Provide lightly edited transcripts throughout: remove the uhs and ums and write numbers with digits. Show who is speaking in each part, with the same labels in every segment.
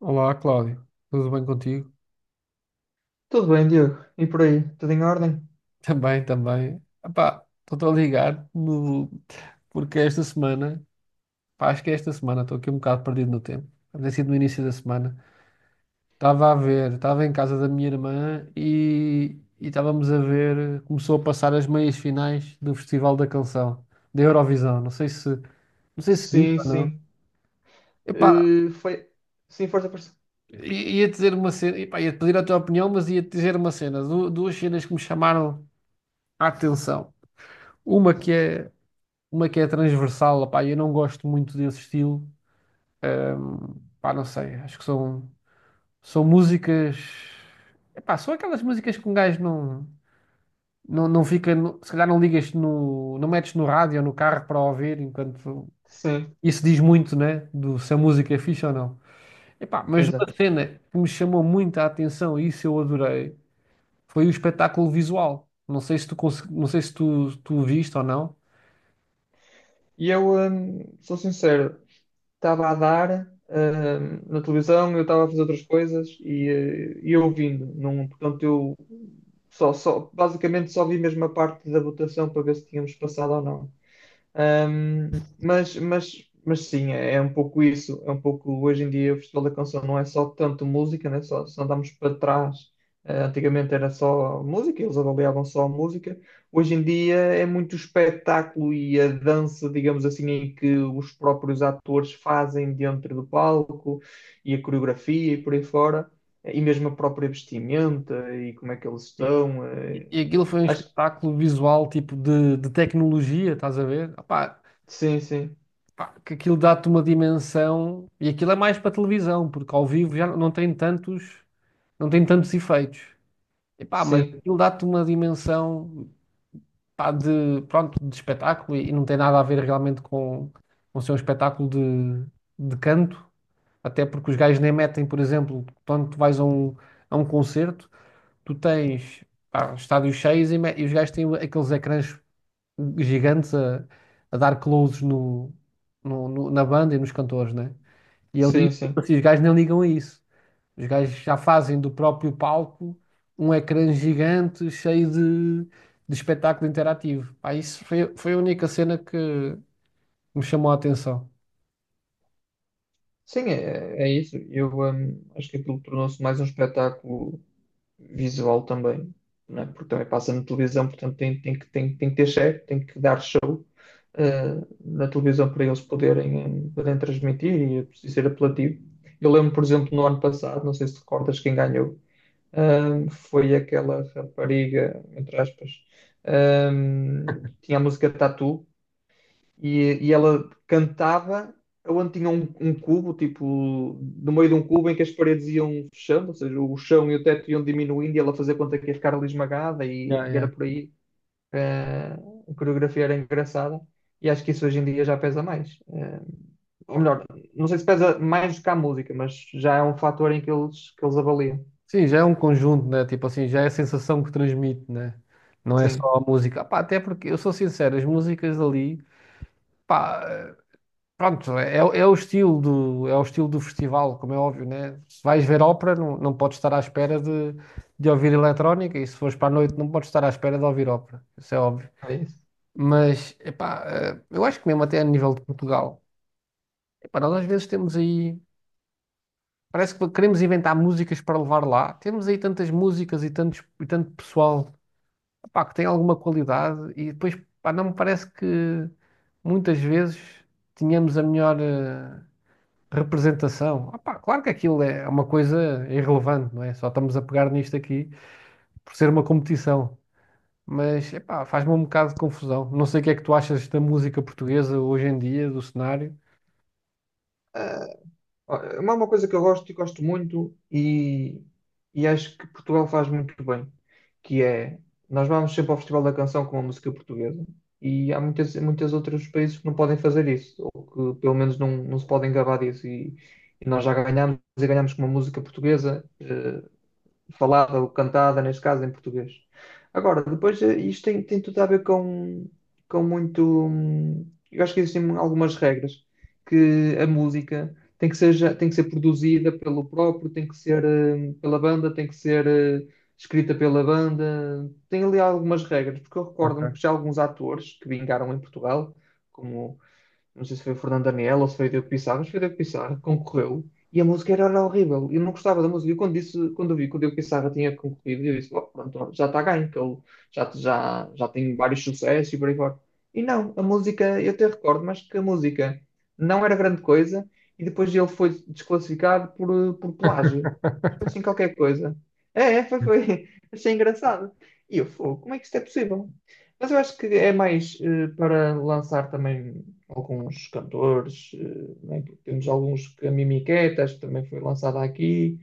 Speaker 1: Olá, Cláudio. Tudo bem contigo?
Speaker 2: Tudo bem, Diogo? E por aí? Tudo em ordem?
Speaker 1: Também, também. Epá, estou a ligar no... porque esta semana, pá, acho que é esta semana, estou aqui um bocado perdido no tempo. Deve ter sido no início da semana. Estava a ver, estava em casa da minha irmã e estávamos a ver, começou a passar as meias finais do Festival da Canção, da Eurovisão. Não sei se, não sei se viste
Speaker 2: Sim,
Speaker 1: ou não.
Speaker 2: sim.
Speaker 1: Epá,
Speaker 2: Foi. Sim, força, força.
Speaker 1: ia dizer uma cena, epá, ia-te pedir a tua opinião, mas ia-te dizer uma cena, duas cenas que me chamaram a atenção. Uma que é uma que é transversal, opá, eu não gosto muito desse estilo, pá, não sei, acho que são, são músicas, epá, são aquelas músicas que um gajo não, não, não fica, se calhar não ligas no, não metes no rádio ou no carro para ouvir, enquanto
Speaker 2: Sim,
Speaker 1: isso diz muito, né, do se a música é fixe ou não. Epá, mas uma
Speaker 2: exato.
Speaker 1: cena que me chamou muito a atenção e isso eu adorei, foi o espetáculo visual. Não sei se tu, não sei se tu o viste ou não.
Speaker 2: E eu, sou sincero, estava a dar, na televisão, eu estava a fazer outras coisas e ouvindo. Não, portanto, eu basicamente só vi mesmo a parte da votação para ver se tínhamos passado ou não. Mas sim, é um pouco isso. É um pouco hoje em dia o Festival da Canção não é só tanto música, né? Só, se andarmos para trás. Antigamente era só música, eles avaliavam só a música. Hoje em dia é muito o espetáculo e a dança, digamos assim, em que os próprios atores fazem dentro do palco e a coreografia e por aí fora, e mesmo a própria vestimenta e como é que eles estão.
Speaker 1: E e aquilo foi um
Speaker 2: Acho
Speaker 1: espetáculo visual, tipo de tecnologia, estás a ver? Opá,
Speaker 2: que sim, sim,
Speaker 1: pá, que aquilo dá-te uma dimensão. E aquilo é mais para televisão, porque ao vivo já não tem tantos, não tem tantos efeitos. E pá, mas
Speaker 2: sim,
Speaker 1: aquilo dá-te uma dimensão, pá, de, pronto, de espetáculo e não tem nada a ver realmente com ser um espetáculo de canto. Até porque os gajos nem metem, por exemplo, quando tu vais a um concerto, tu tens, pá, estádios cheios e os gajos têm aqueles ecrãs gigantes a dar closes no, na banda e nos cantores, né? E ele diz,
Speaker 2: sim,
Speaker 1: tipo
Speaker 2: sim.
Speaker 1: assim, os gajos nem ligam a isso. Os gajos já fazem do próprio palco um ecrã gigante cheio de espetáculo interativo. Pá, isso foi, foi a única cena que me chamou a atenção.
Speaker 2: Sim, é isso. Eu, acho que aquilo tornou-se mais um espetáculo visual também, né? Porque também passa na televisão, portanto tem que ter chefe, tem que dar show, eh, na televisão para eles poderem, poderem transmitir e é preciso ser apelativo. Eu lembro, por exemplo, no ano passado, não sei se recordas quem ganhou, foi aquela rapariga, entre aspas, hum, que tinha a música Tatu e ela cantava onde tinha um cubo, tipo, no meio de um cubo em que as paredes iam fechando, ou seja, o chão e o teto iam diminuindo e ela fazia conta que ia ficar ali esmagada
Speaker 1: Yeah,
Speaker 2: e era
Speaker 1: yeah.
Speaker 2: por aí. Eh, a coreografia era engraçada e acho que isso hoje em dia já pesa mais. Ou melhor, não sei se pesa mais do que a música, mas já é um fator em que que eles avaliam.
Speaker 1: Sim, já é um conjunto, né? Tipo assim, já é a sensação que transmite, né? Não é só
Speaker 2: Sim,
Speaker 1: a música. Pá, até porque, eu sou sincero, as músicas ali, pá, pronto, é, é o estilo do, é o estilo do festival, como é óbvio, né? Se vais ver ópera, não, não podes estar à espera de ouvir eletrónica, e se fores para a noite, não podes estar à espera de ouvir ópera, isso é óbvio.
Speaker 2: é isso.
Speaker 1: Mas, epá, eu acho que mesmo até a nível de Portugal, epá, nós às vezes temos aí, parece que queremos inventar músicas para levar lá, temos aí tantas músicas e, tantos, e tanto pessoal, epá, que tem alguma qualidade, e depois, pá, não me parece que muitas vezes tínhamos a melhor. Representação. Ah pá, claro que aquilo é uma coisa irrelevante, não é? Só estamos a pegar nisto aqui por ser uma competição. Mas epá, faz-me um bocado de confusão. Não sei o que é que tu achas da música portuguesa hoje em dia, do cenário.
Speaker 2: Ó, é uma coisa que eu gosto e gosto muito e acho que Portugal faz muito bem, que é, nós vamos sempre ao Festival da Canção com a música portuguesa e há muitas, outros países que não podem fazer isso, ou que pelo menos não se podem gabar disso e nós já ganhamos e ganhamos com uma música portuguesa, falada ou cantada, neste caso, em português. Agora, depois, isto tem tudo a ver com muito. Eu acho que existem algumas regras que a música tem que ser produzida pelo próprio, tem que ser pela banda, tem que ser escrita pela banda. Tem ali algumas regras, porque eu recordo-me
Speaker 1: Ok.
Speaker 2: que já alguns atores que vingaram em Portugal, como não sei se foi o Fernando Daniel ou se foi o Diogo Pissarro, mas foi o Diogo Pissarro concorreu e a música era horrível. Eu não gostava da música. E quando, disse, quando eu vi que o Diogo Pissarro tinha concorrido, eu disse: "Bom, pronto, já está ganho, que ele já tem vários sucessos e por aí fora." E não, a música, eu até recordo, mas que a música não era grande coisa e depois ele foi desclassificado por plágio. Foi assim qualquer coisa. É, é, foi, foi. Achei engraçado. E eu, "Fogo, como é que isto é possível?" Mas eu acho que é mais para lançar também alguns cantores, né? Temos alguns que a mimiqueta Mimiquetas também foi lançada aqui.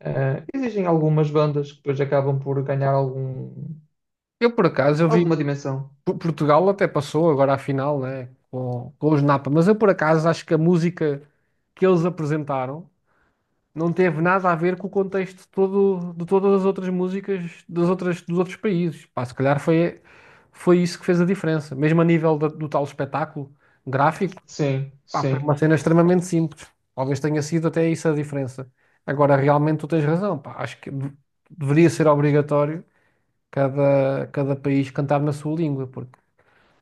Speaker 2: Existem algumas bandas que depois acabam por ganhar
Speaker 1: Eu, por acaso, eu
Speaker 2: alguma
Speaker 1: vi
Speaker 2: dimensão.
Speaker 1: Portugal até passou agora à final, né, com os Napa, mas eu, por acaso, acho que a música que eles apresentaram não teve nada a ver com o contexto todo de todas as outras músicas das outras, dos outros países. Pá, se calhar foi, foi isso que fez a diferença. Mesmo a nível do tal espetáculo gráfico,
Speaker 2: Sim,
Speaker 1: pá, foi
Speaker 2: sim.
Speaker 1: uma cena extremamente simples. Talvez tenha sido até isso a diferença. Agora, realmente, tu tens razão. Pá, acho que deveria ser obrigatório cada, cada país cantar na sua língua, porque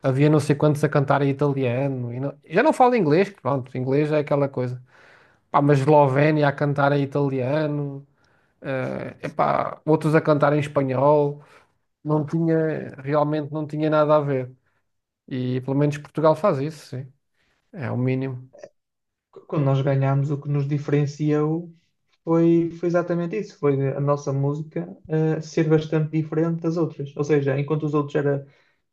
Speaker 1: havia não sei quantos a cantar em italiano. E já não falo inglês, que pronto, inglês é aquela coisa. Pá, mas Eslovénia a cantar em italiano epá, outros a cantar em espanhol, não tinha, realmente não tinha nada a ver. E pelo menos Portugal faz isso, sim. É o mínimo.
Speaker 2: Quando nós ganhamos, o que nos diferencia foi exatamente isso, foi a nossa música ser bastante diferente das outras. Ou seja, enquanto os outros era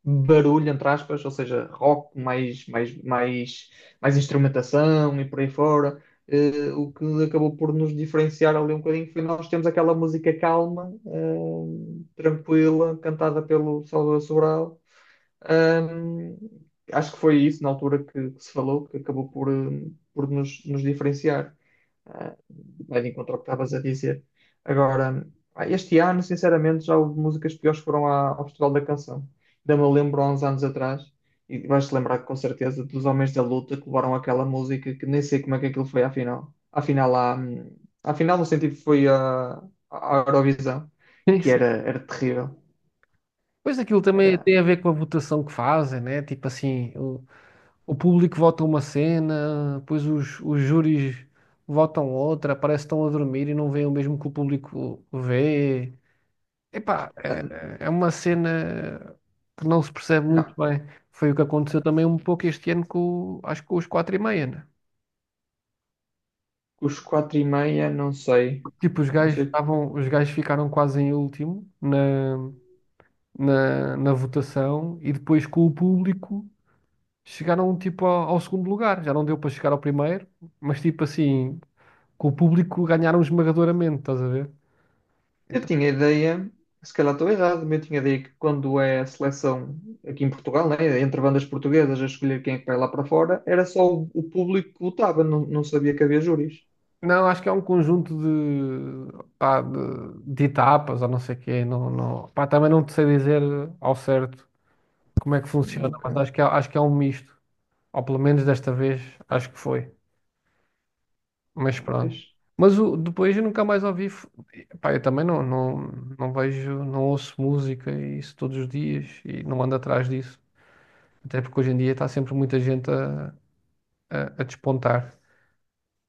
Speaker 2: barulho, entre aspas, ou seja, rock, mais instrumentação e por aí fora, o que acabou por nos diferenciar ali um bocadinho foi nós temos aquela música calma, tranquila, cantada pelo Salvador Sobral. Ahm, acho que foi isso na altura que se falou, que acabou por nos diferenciar. Ah, vai de encontro ao que estavas a dizer. Agora, este ano, sinceramente, já houve músicas piores que foram ao Festival da Canção. Ainda me lembro há uns anos atrás, e vais-te lembrar com certeza dos Homens da Luta que levaram aquela música que nem sei como é que aquilo foi à final. Afinal, à final, no sentido que foi à Eurovisão, que
Speaker 1: Isso.
Speaker 2: era terrível.
Speaker 1: Pois aquilo também
Speaker 2: Era,
Speaker 1: tem a ver com a votação que fazem, né? Tipo assim, o público vota uma cena, depois os júris votam outra, parece que estão a dormir e não veem o mesmo que o público vê. Epá,
Speaker 2: ah,
Speaker 1: é uma cena que não se percebe
Speaker 2: não,
Speaker 1: muito bem. Foi o que aconteceu também um pouco este ano com, acho que com os quatro e meia, né?
Speaker 2: os quatro e meia, não sei.
Speaker 1: Tipo, os
Speaker 2: Não
Speaker 1: gajos
Speaker 2: sei.
Speaker 1: estavam, os gajos ficaram quase em último na, na, na votação e depois com o público chegaram tipo ao, ao segundo lugar. Já não deu para chegar ao primeiro, mas tipo assim, com o público ganharam esmagadoramente, estás a ver?
Speaker 2: Eu
Speaker 1: Então,
Speaker 2: tinha ideia, se calhar estou errado, mas eu tinha ideia que quando é a seleção aqui em Portugal, né, entre bandas portuguesas a escolher quem é que vai lá para fora, era só o público que votava, não sabia que havia júris.
Speaker 1: não, acho que é um conjunto de, pá, de etapas ou não sei o quê. Não, não, pá, também não te sei dizer ao certo como é que
Speaker 2: Ah,
Speaker 1: funciona,
Speaker 2: ok.
Speaker 1: mas acho que é um misto. Ou pelo menos desta vez, acho que foi. Mas
Speaker 2: Ah,
Speaker 1: pronto.
Speaker 2: fixe.
Speaker 1: Mas o, depois eu nunca mais ouvi. Pá, eu também não, não, não vejo, não ouço música e isso todos os dias e não ando atrás disso. Até porque hoje em dia está sempre muita gente a despontar.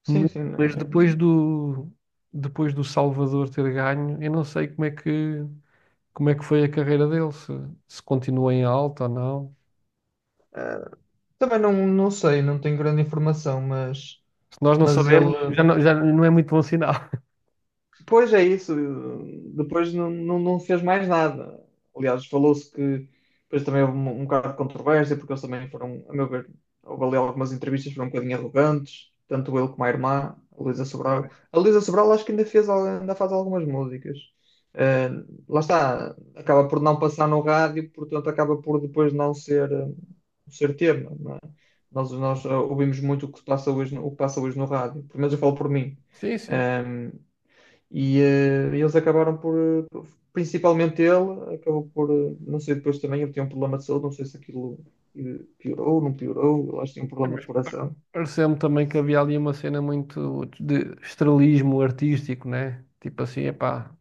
Speaker 2: Sim,
Speaker 1: Mas,
Speaker 2: sim,
Speaker 1: mas
Speaker 2: né.
Speaker 1: depois do Salvador ter ganho, eu não sei como é que foi a carreira dele, se continua em alta ou não.
Speaker 2: Ah, também não sei, não tenho grande informação, mas,
Speaker 1: Se nós não
Speaker 2: mas ele.
Speaker 1: sabemos, já não é muito bom sinal.
Speaker 2: Pois é isso. Depois não fez mais nada. Aliás, falou-se que depois também houve um bocado de controvérsia, porque eles também foram, a meu ver, houve ali algumas entrevistas que foram um bocadinho arrogantes, tanto ele como a irmã, a Luísa Sobral. A Luísa Sobral acho que ainda faz algumas músicas. Lá está, acaba por não passar no rádio, portanto acaba por depois não ser tema. Não é? Nós ouvimos muito o que passa hoje, o que passa hoje no rádio, pelo menos eu falo por mim.
Speaker 1: Sim, sim.
Speaker 2: Um, e eles acabaram por, principalmente ele, acabou por, não sei, depois também ele tinha um problema de saúde, não sei se aquilo piorou, não piorou, eu acho que tinha um
Speaker 1: É,
Speaker 2: problema de
Speaker 1: mas
Speaker 2: coração.
Speaker 1: pareceu-me também que havia ali uma cena muito de estrelismo artístico, né? Tipo assim, epá,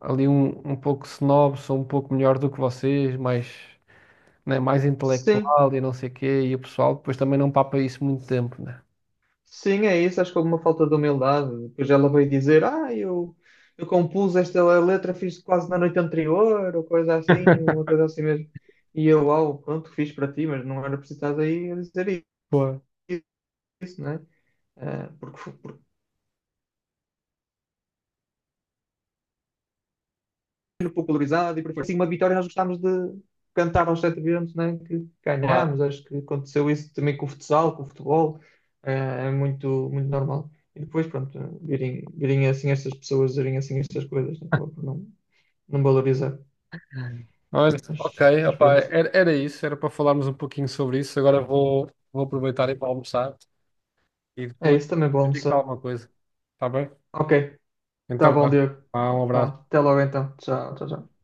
Speaker 1: ali um, um pouco snob, sou um pouco melhor do que vocês, mais, né, mais
Speaker 2: Sim,
Speaker 1: intelectual e não sei o quê, e o pessoal depois também não papa isso muito tempo, né?
Speaker 2: sim, é isso, acho que houve uma falta de humildade. Depois ela veio dizer, ah, eu, compus esta letra, fiz quase na noite anterior, ou coisa assim, uma coisa assim mesmo. E eu, uau, pronto, fiz para ti, mas não era preciso estar aí a dizer
Speaker 1: Claro.
Speaker 2: isso, né? Porque, popularizado e por aí fora. Sim, uma vitória nós gostámos de cantar aos sete ventos, né? Que
Speaker 1: Claro.
Speaker 2: ganhámos, acho que aconteceu isso também com o futsal, com o futebol, é muito, muito normal. E depois, pronto, virem, virem assim estas pessoas, virem assim estas coisas, né? Acaba por não valorizar.
Speaker 1: Mas,
Speaker 2: Mas,
Speaker 1: ok,
Speaker 2: mas
Speaker 1: opá,
Speaker 2: pronto,
Speaker 1: era, era isso, era para falarmos um pouquinho sobre isso. Agora vou, vou aproveitar e ir para almoçar e
Speaker 2: é
Speaker 1: depois
Speaker 2: isso também, vou
Speaker 1: eu digo-te
Speaker 2: almoçar.
Speaker 1: alguma coisa, tá bem?
Speaker 2: Ok, tá
Speaker 1: Então
Speaker 2: bom,
Speaker 1: vá,
Speaker 2: Diego.
Speaker 1: vá, um
Speaker 2: Vá,
Speaker 1: abraço.
Speaker 2: até logo então. Tchau, tchau, tchau.